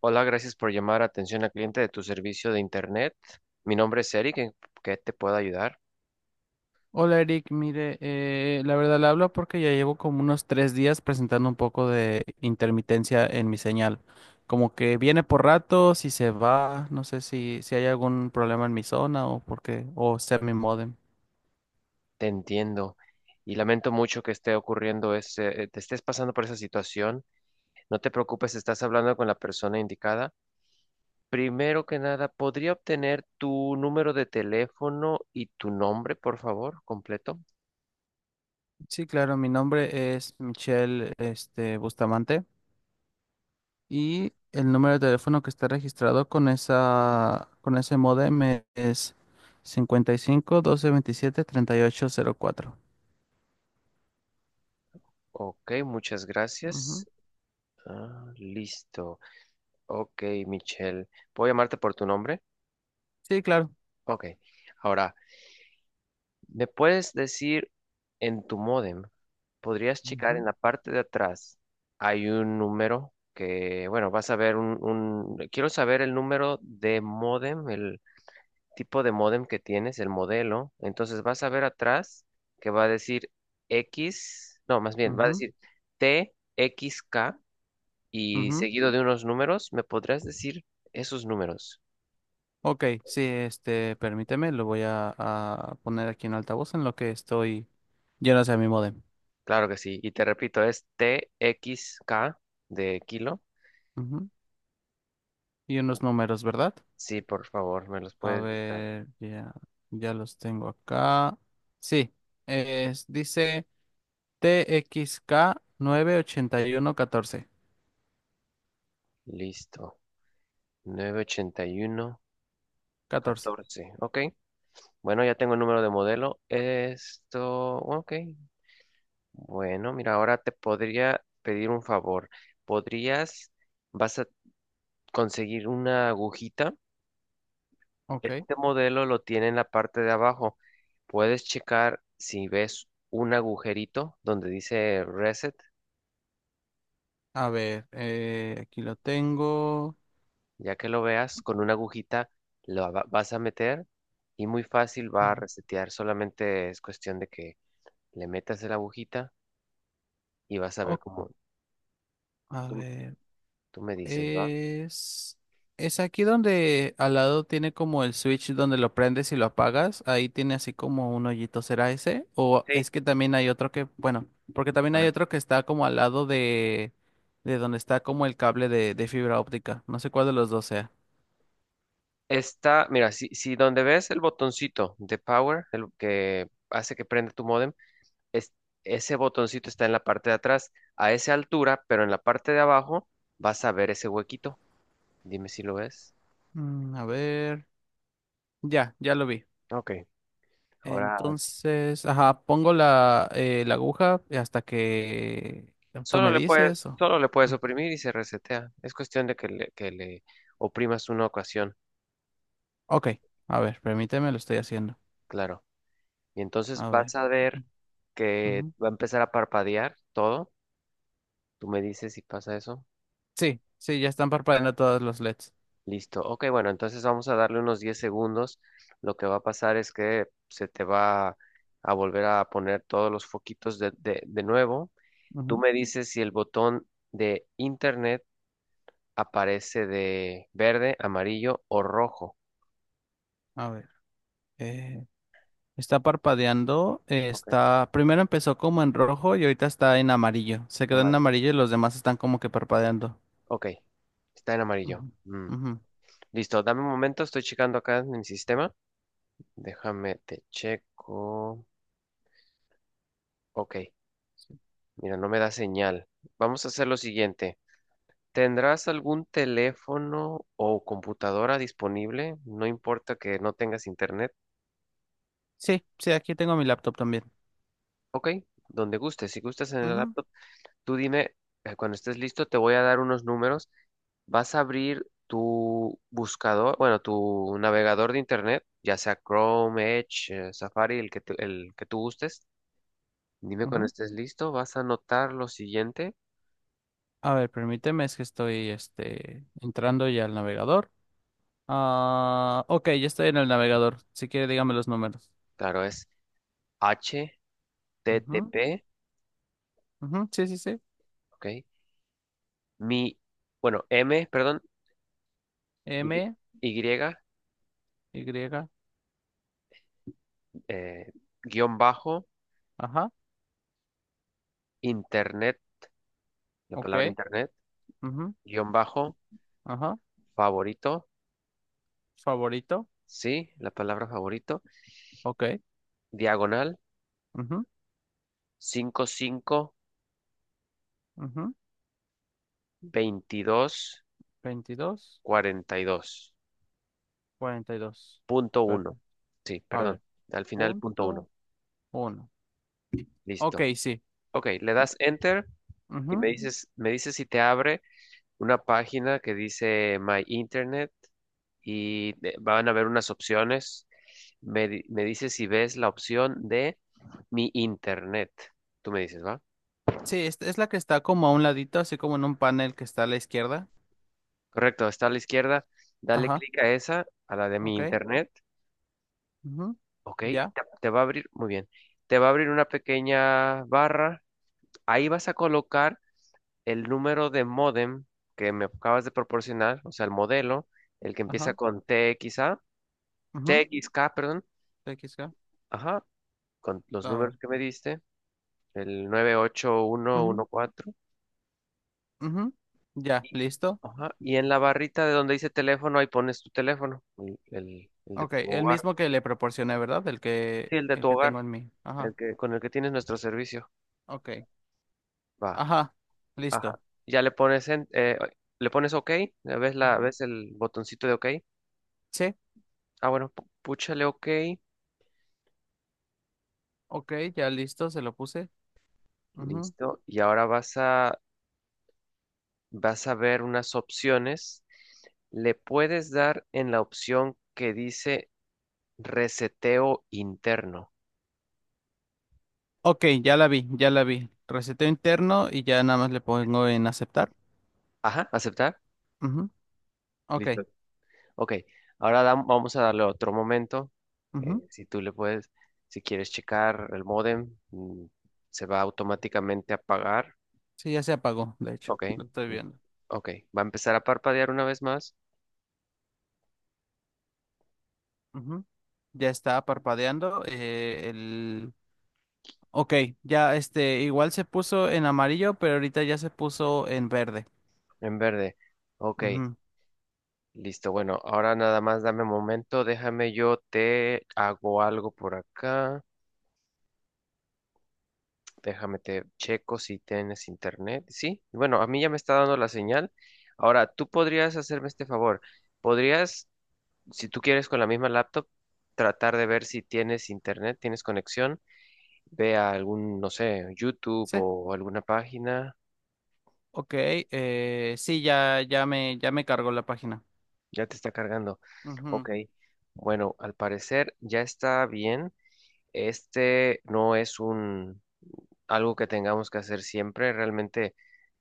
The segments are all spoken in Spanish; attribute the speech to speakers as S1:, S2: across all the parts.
S1: Hola, gracias por llamar a atención al cliente de tu servicio de Internet. Mi nombre es Eric, ¿en qué te puedo ayudar?
S2: Hola Eric, mire, la verdad le hablo porque ya llevo como unos 3 días presentando un poco de intermitencia en mi señal. Como que viene por ratos y se va, no sé si hay algún problema en mi zona o por qué, o sea mi módem.
S1: Te entiendo y lamento mucho que esté ocurriendo te estés pasando por esa situación. No te preocupes, estás hablando con la persona indicada. Primero que nada, ¿podría obtener tu número de teléfono y tu nombre, por favor, completo?
S2: Sí, claro, mi nombre es Michelle, Bustamante y el número de teléfono que está registrado con ese módem es 55 1227 3804.
S1: Ok, muchas gracias.
S2: Ujú.
S1: Ah, listo. Ok, Michelle, ¿puedo llamarte por tu nombre?
S2: Sí, claro.
S1: Ok. Ahora, ¿me puedes decir en tu módem? Podrías checar en
S2: Ujú,
S1: la parte de atrás. Hay un número que, bueno, vas a ver quiero saber el número de módem, el tipo de módem que tienes, el modelo. Entonces vas a ver atrás que va a decir X, no, más bien, va a
S2: ujú.
S1: decir t x k y
S2: Ujú.
S1: seguido de unos números, ¿me podrías decir esos números?
S2: Ok, sí, permíteme, lo voy a poner aquí en altavoz en lo que estoy lleno hacia mi modem.
S1: Claro que sí. Y te repito, es t x k de kilo.
S2: Ujú. Y unos números, ¿verdad?
S1: Sí, por favor, me los
S2: A
S1: puedes dictar.
S2: ver, ya los tengo acá. Sí, dice T X K 98114
S1: Listo. novecientos ochenta y uno
S2: catorce.
S1: catorce, ok. Bueno, ya tengo el número de modelo. Esto. Ok. Bueno, mira, ahora te podría pedir un favor. ¿Podrías, vas a conseguir una agujita?
S2: Ok,
S1: Este modelo lo tiene en la parte de abajo. Puedes checar si ves un agujerito donde dice reset.
S2: a ver, aquí lo tengo.
S1: Ya que lo veas, con una agujita vas a meter y muy fácil va a
S2: Ujú.
S1: resetear. Solamente es cuestión de que le metas la agujita y vas a ver
S2: Ok,
S1: cómo
S2: a
S1: tú,
S2: ver.
S1: tú me dices, ¿va?
S2: Es, es aquí donde al lado tiene como el switch donde lo prendes y lo apagas. Ahí tiene así como un hoyito. ¿Será ese? O
S1: Sí.
S2: es que también hay otro bueno, porque también
S1: A
S2: hay
S1: ver.
S2: otro que está como al lado de donde está como el cable de fibra óptica. No sé cuál de los dos sea.
S1: Está, mira, si donde ves el botoncito de power, el que hace que prenda tu modem, es, ese botoncito está en la parte de atrás, a esa altura, pero en la parte de abajo vas a ver ese huequito. Dime si lo ves.
S2: A ver. Ya lo vi.
S1: Ok. Ahora
S2: Entonces, ajá, pongo la aguja hasta que tú
S1: solo
S2: me
S1: le puedes,
S2: dices.
S1: solo le puedes oprimir y se resetea. Es cuestión de que le oprimas una ocasión,
S2: Ok, a ver, permíteme, lo estoy haciendo.
S1: claro. Y entonces
S2: A ver.
S1: vas a ver que
S2: Ujú,
S1: va a empezar a parpadear todo. Tú me dices si pasa eso.
S2: sí, sí, ya están parpadeando todos los LEDs.
S1: Listo. Ok, bueno, entonces vamos a darle unos 10 segundos. Lo que va a pasar es que se te va a volver a poner todos los foquitos de nuevo. Tú
S2: Ujú.
S1: me dices si el botón de internet aparece de verde, amarillo o rojo.
S2: A ver, eh, está parpadeando,
S1: Ok,
S2: primero empezó como en rojo y ahorita está en amarillo. Se quedó en
S1: amarillo.
S2: amarillo y los demás están como que parpadeando.
S1: Ok, está en amarillo.
S2: Ujú.
S1: Mm.
S2: Ujú.
S1: Listo, dame un momento, estoy checando acá en mi sistema. Déjame, te checo. Ok, mira, no me da señal. Vamos a hacer lo siguiente. ¿Tendrás algún teléfono o computadora disponible? No importa que no tengas internet.
S2: Sí, sí, aquí tengo mi laptop también.
S1: Ok, donde gustes. Si gustas en el
S2: Ujú,
S1: laptop, tú dime, cuando estés listo, te voy a dar unos números. Vas a abrir tu buscador, bueno, tu navegador de internet, ya sea Chrome, Edge, Safari, el que tú gustes. Dime cuando
S2: ujú.
S1: estés listo, vas a anotar lo siguiente.
S2: A ver, permíteme, es que estoy entrando ya al navegador. Ah, ok, ya estoy en el navegador. Si quiere, dígame los números.
S1: Claro, es
S2: Ujú,
S1: HTTP,
S2: ujú, sí, sí, sí.
S1: ¿ok? Mi, bueno, M, perdón, Y,
S2: M,
S1: y,
S2: Y,
S1: eh, guión bajo,
S2: ajá,
S1: internet, la
S2: ok.
S1: palabra internet,
S2: Ujú.
S1: guión bajo,
S2: Ajá.
S1: favorito,
S2: Favorito.
S1: sí, la palabra favorito,
S2: Ok.
S1: diagonal,
S2: Ujú,
S1: cinco cinco
S2: ujú.
S1: veintidós
S2: Veintidós,
S1: cuarenta y dos
S2: cuarenta y dos.
S1: punto uno.
S2: Perfecto.
S1: Sí,
S2: A
S1: perdón.
S2: ver.
S1: Al final, punto
S2: Punto
S1: uno.
S2: uno. Ok,
S1: Listo.
S2: sí.
S1: Ok, le das enter y
S2: Ujú.
S1: me dices si te abre una página que dice My Internet y van a ver unas opciones. Me dices si ves la opción de Mi Internet. Tú me dices, ¿va?
S2: Sí, es la que está como a un ladito, así como en un panel que está a la izquierda.
S1: Correcto, está a la izquierda. Dale
S2: Ajá.
S1: clic a esa, a la de Mi
S2: Ok.
S1: Internet.
S2: Ujú.
S1: Ok,
S2: Ya.
S1: te va a abrir, muy bien. Te va a abrir una pequeña barra. Ahí vas a colocar el número de módem que me acabas de proporcionar, o sea, el modelo, el que empieza
S2: Ajá.
S1: con
S2: Ujú.
S1: T X K, perdón,
S2: TXK.
S1: ajá, con los
S2: Ah,
S1: números que me diste, el
S2: ujú,
S1: 98114,
S2: ujú. Ya.
S1: y,
S2: Listo.
S1: ajá, y en la barrita de donde dice teléfono, ahí pones tu teléfono, el de
S2: Ok.
S1: tu
S2: El
S1: hogar,
S2: mismo que le proporcioné, ¿verdad? El
S1: sí,
S2: que,
S1: el de
S2: el
S1: tu
S2: que
S1: hogar,
S2: tengo en mí. Ajá.
S1: el que, con el que tienes nuestro servicio,
S2: Ok.
S1: va,
S2: Ajá.
S1: ajá,
S2: Listo.
S1: ya le pones en, le pones OK, ves la,
S2: Ujú.
S1: ves el botoncito de OK,
S2: Sí.
S1: ah, bueno, púchale OK.
S2: Ok, ya listo, se lo puse. Ujú.
S1: Listo. Y ahora vas a ver unas opciones. Le puedes dar en la opción que dice reseteo interno.
S2: Ok, ya la vi, ya la vi. Reseteo interno y ya nada más le pongo en aceptar.
S1: Ajá, aceptar.
S2: Ujú, ok,
S1: Listo. Ok. Ahora vamos a darle otro momento.
S2: ujú.
S1: Si tú le puedes, si quieres checar el módem, se va automáticamente a apagar.
S2: Sí, ya se apagó, de hecho,
S1: Ok.
S2: lo estoy
S1: mm,
S2: viendo.
S1: Ok. Va a empezar a parpadear una vez más
S2: Ujú, ya está parpadeando. Ok, ya igual se puso en amarillo, pero ahorita ya se puso en verde.
S1: en verde. Ok.
S2: Ujú,
S1: Listo, bueno, ahora nada más dame un momento, déjame yo te hago algo por acá, déjame te checo si tienes internet, sí, bueno, a mí ya me está dando la señal, ahora tú podrías hacerme este favor, podrías, si tú quieres con la misma laptop, tratar de ver si tienes internet, tienes conexión, ve a algún, no sé, YouTube
S2: sí,
S1: o alguna página,
S2: ok, sí, ya me cargó la página.
S1: ya te está cargando,
S2: Ujú,
S1: ok, bueno, al parecer ya está bien. Este no es un, algo que tengamos que hacer siempre. Realmente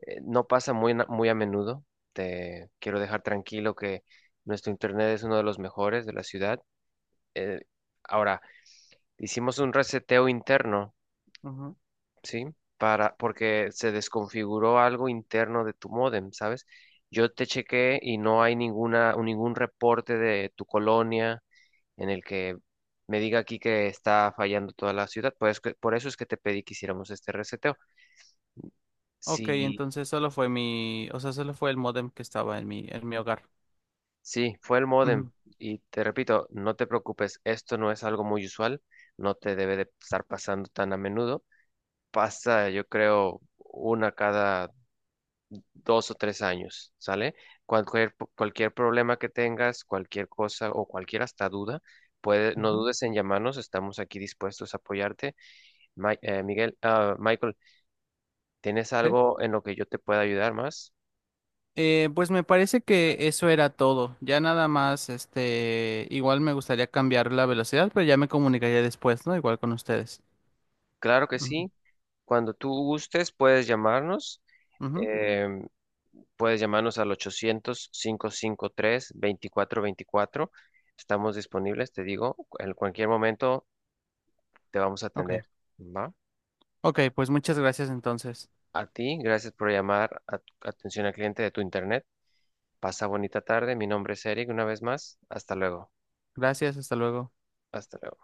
S1: no pasa muy, muy a menudo. Te quiero dejar tranquilo que nuestro internet es uno de los mejores de la ciudad. Eh, ahora, hicimos un reseteo interno,
S2: ujú.
S1: ¿sí? Para, porque se desconfiguró algo interno de tu módem, ¿sabes? Yo te chequé y no hay ninguna, ningún reporte de tu colonia en el que me diga aquí que está fallando toda la ciudad. Por eso es que te pedí que hiciéramos este reseteo.
S2: Ok,
S1: Si.
S2: entonces solo fue o sea, solo fue el modem que estaba en mi hogar.
S1: Sí, fue el módem.
S2: Ujú,
S1: Y te repito, no te preocupes, esto no es algo muy usual, no te debe de estar pasando tan a menudo. Pasa, yo creo, una cada dos o tres años, ¿sale? Cualquier problema que tengas, cualquier cosa o cualquier hasta duda, puede, no
S2: ujú,
S1: dudes en llamarnos, estamos aquí dispuestos a apoyarte. Michael, ¿tienes
S2: sí.
S1: algo en lo que yo te pueda ayudar más?
S2: Pues me parece que eso era todo. Ya nada más, igual me gustaría cambiar la velocidad, pero ya me comunicaría después, ¿no? Igual con ustedes.
S1: Claro que
S2: Ujú,
S1: sí, cuando tú gustes puedes llamarnos.
S2: ujú,
S1: Puedes llamarnos al 800-553-2424. Estamos disponibles, te digo, en cualquier momento te vamos a
S2: ok,
S1: atender. ¿Va?
S2: ok, pues muchas gracias entonces.
S1: A ti, gracias por llamar a atención al cliente de tu internet. Pasa bonita tarde. Mi nombre es Eric, una vez más. Hasta luego.
S2: Gracias, hasta luego.
S1: Hasta luego.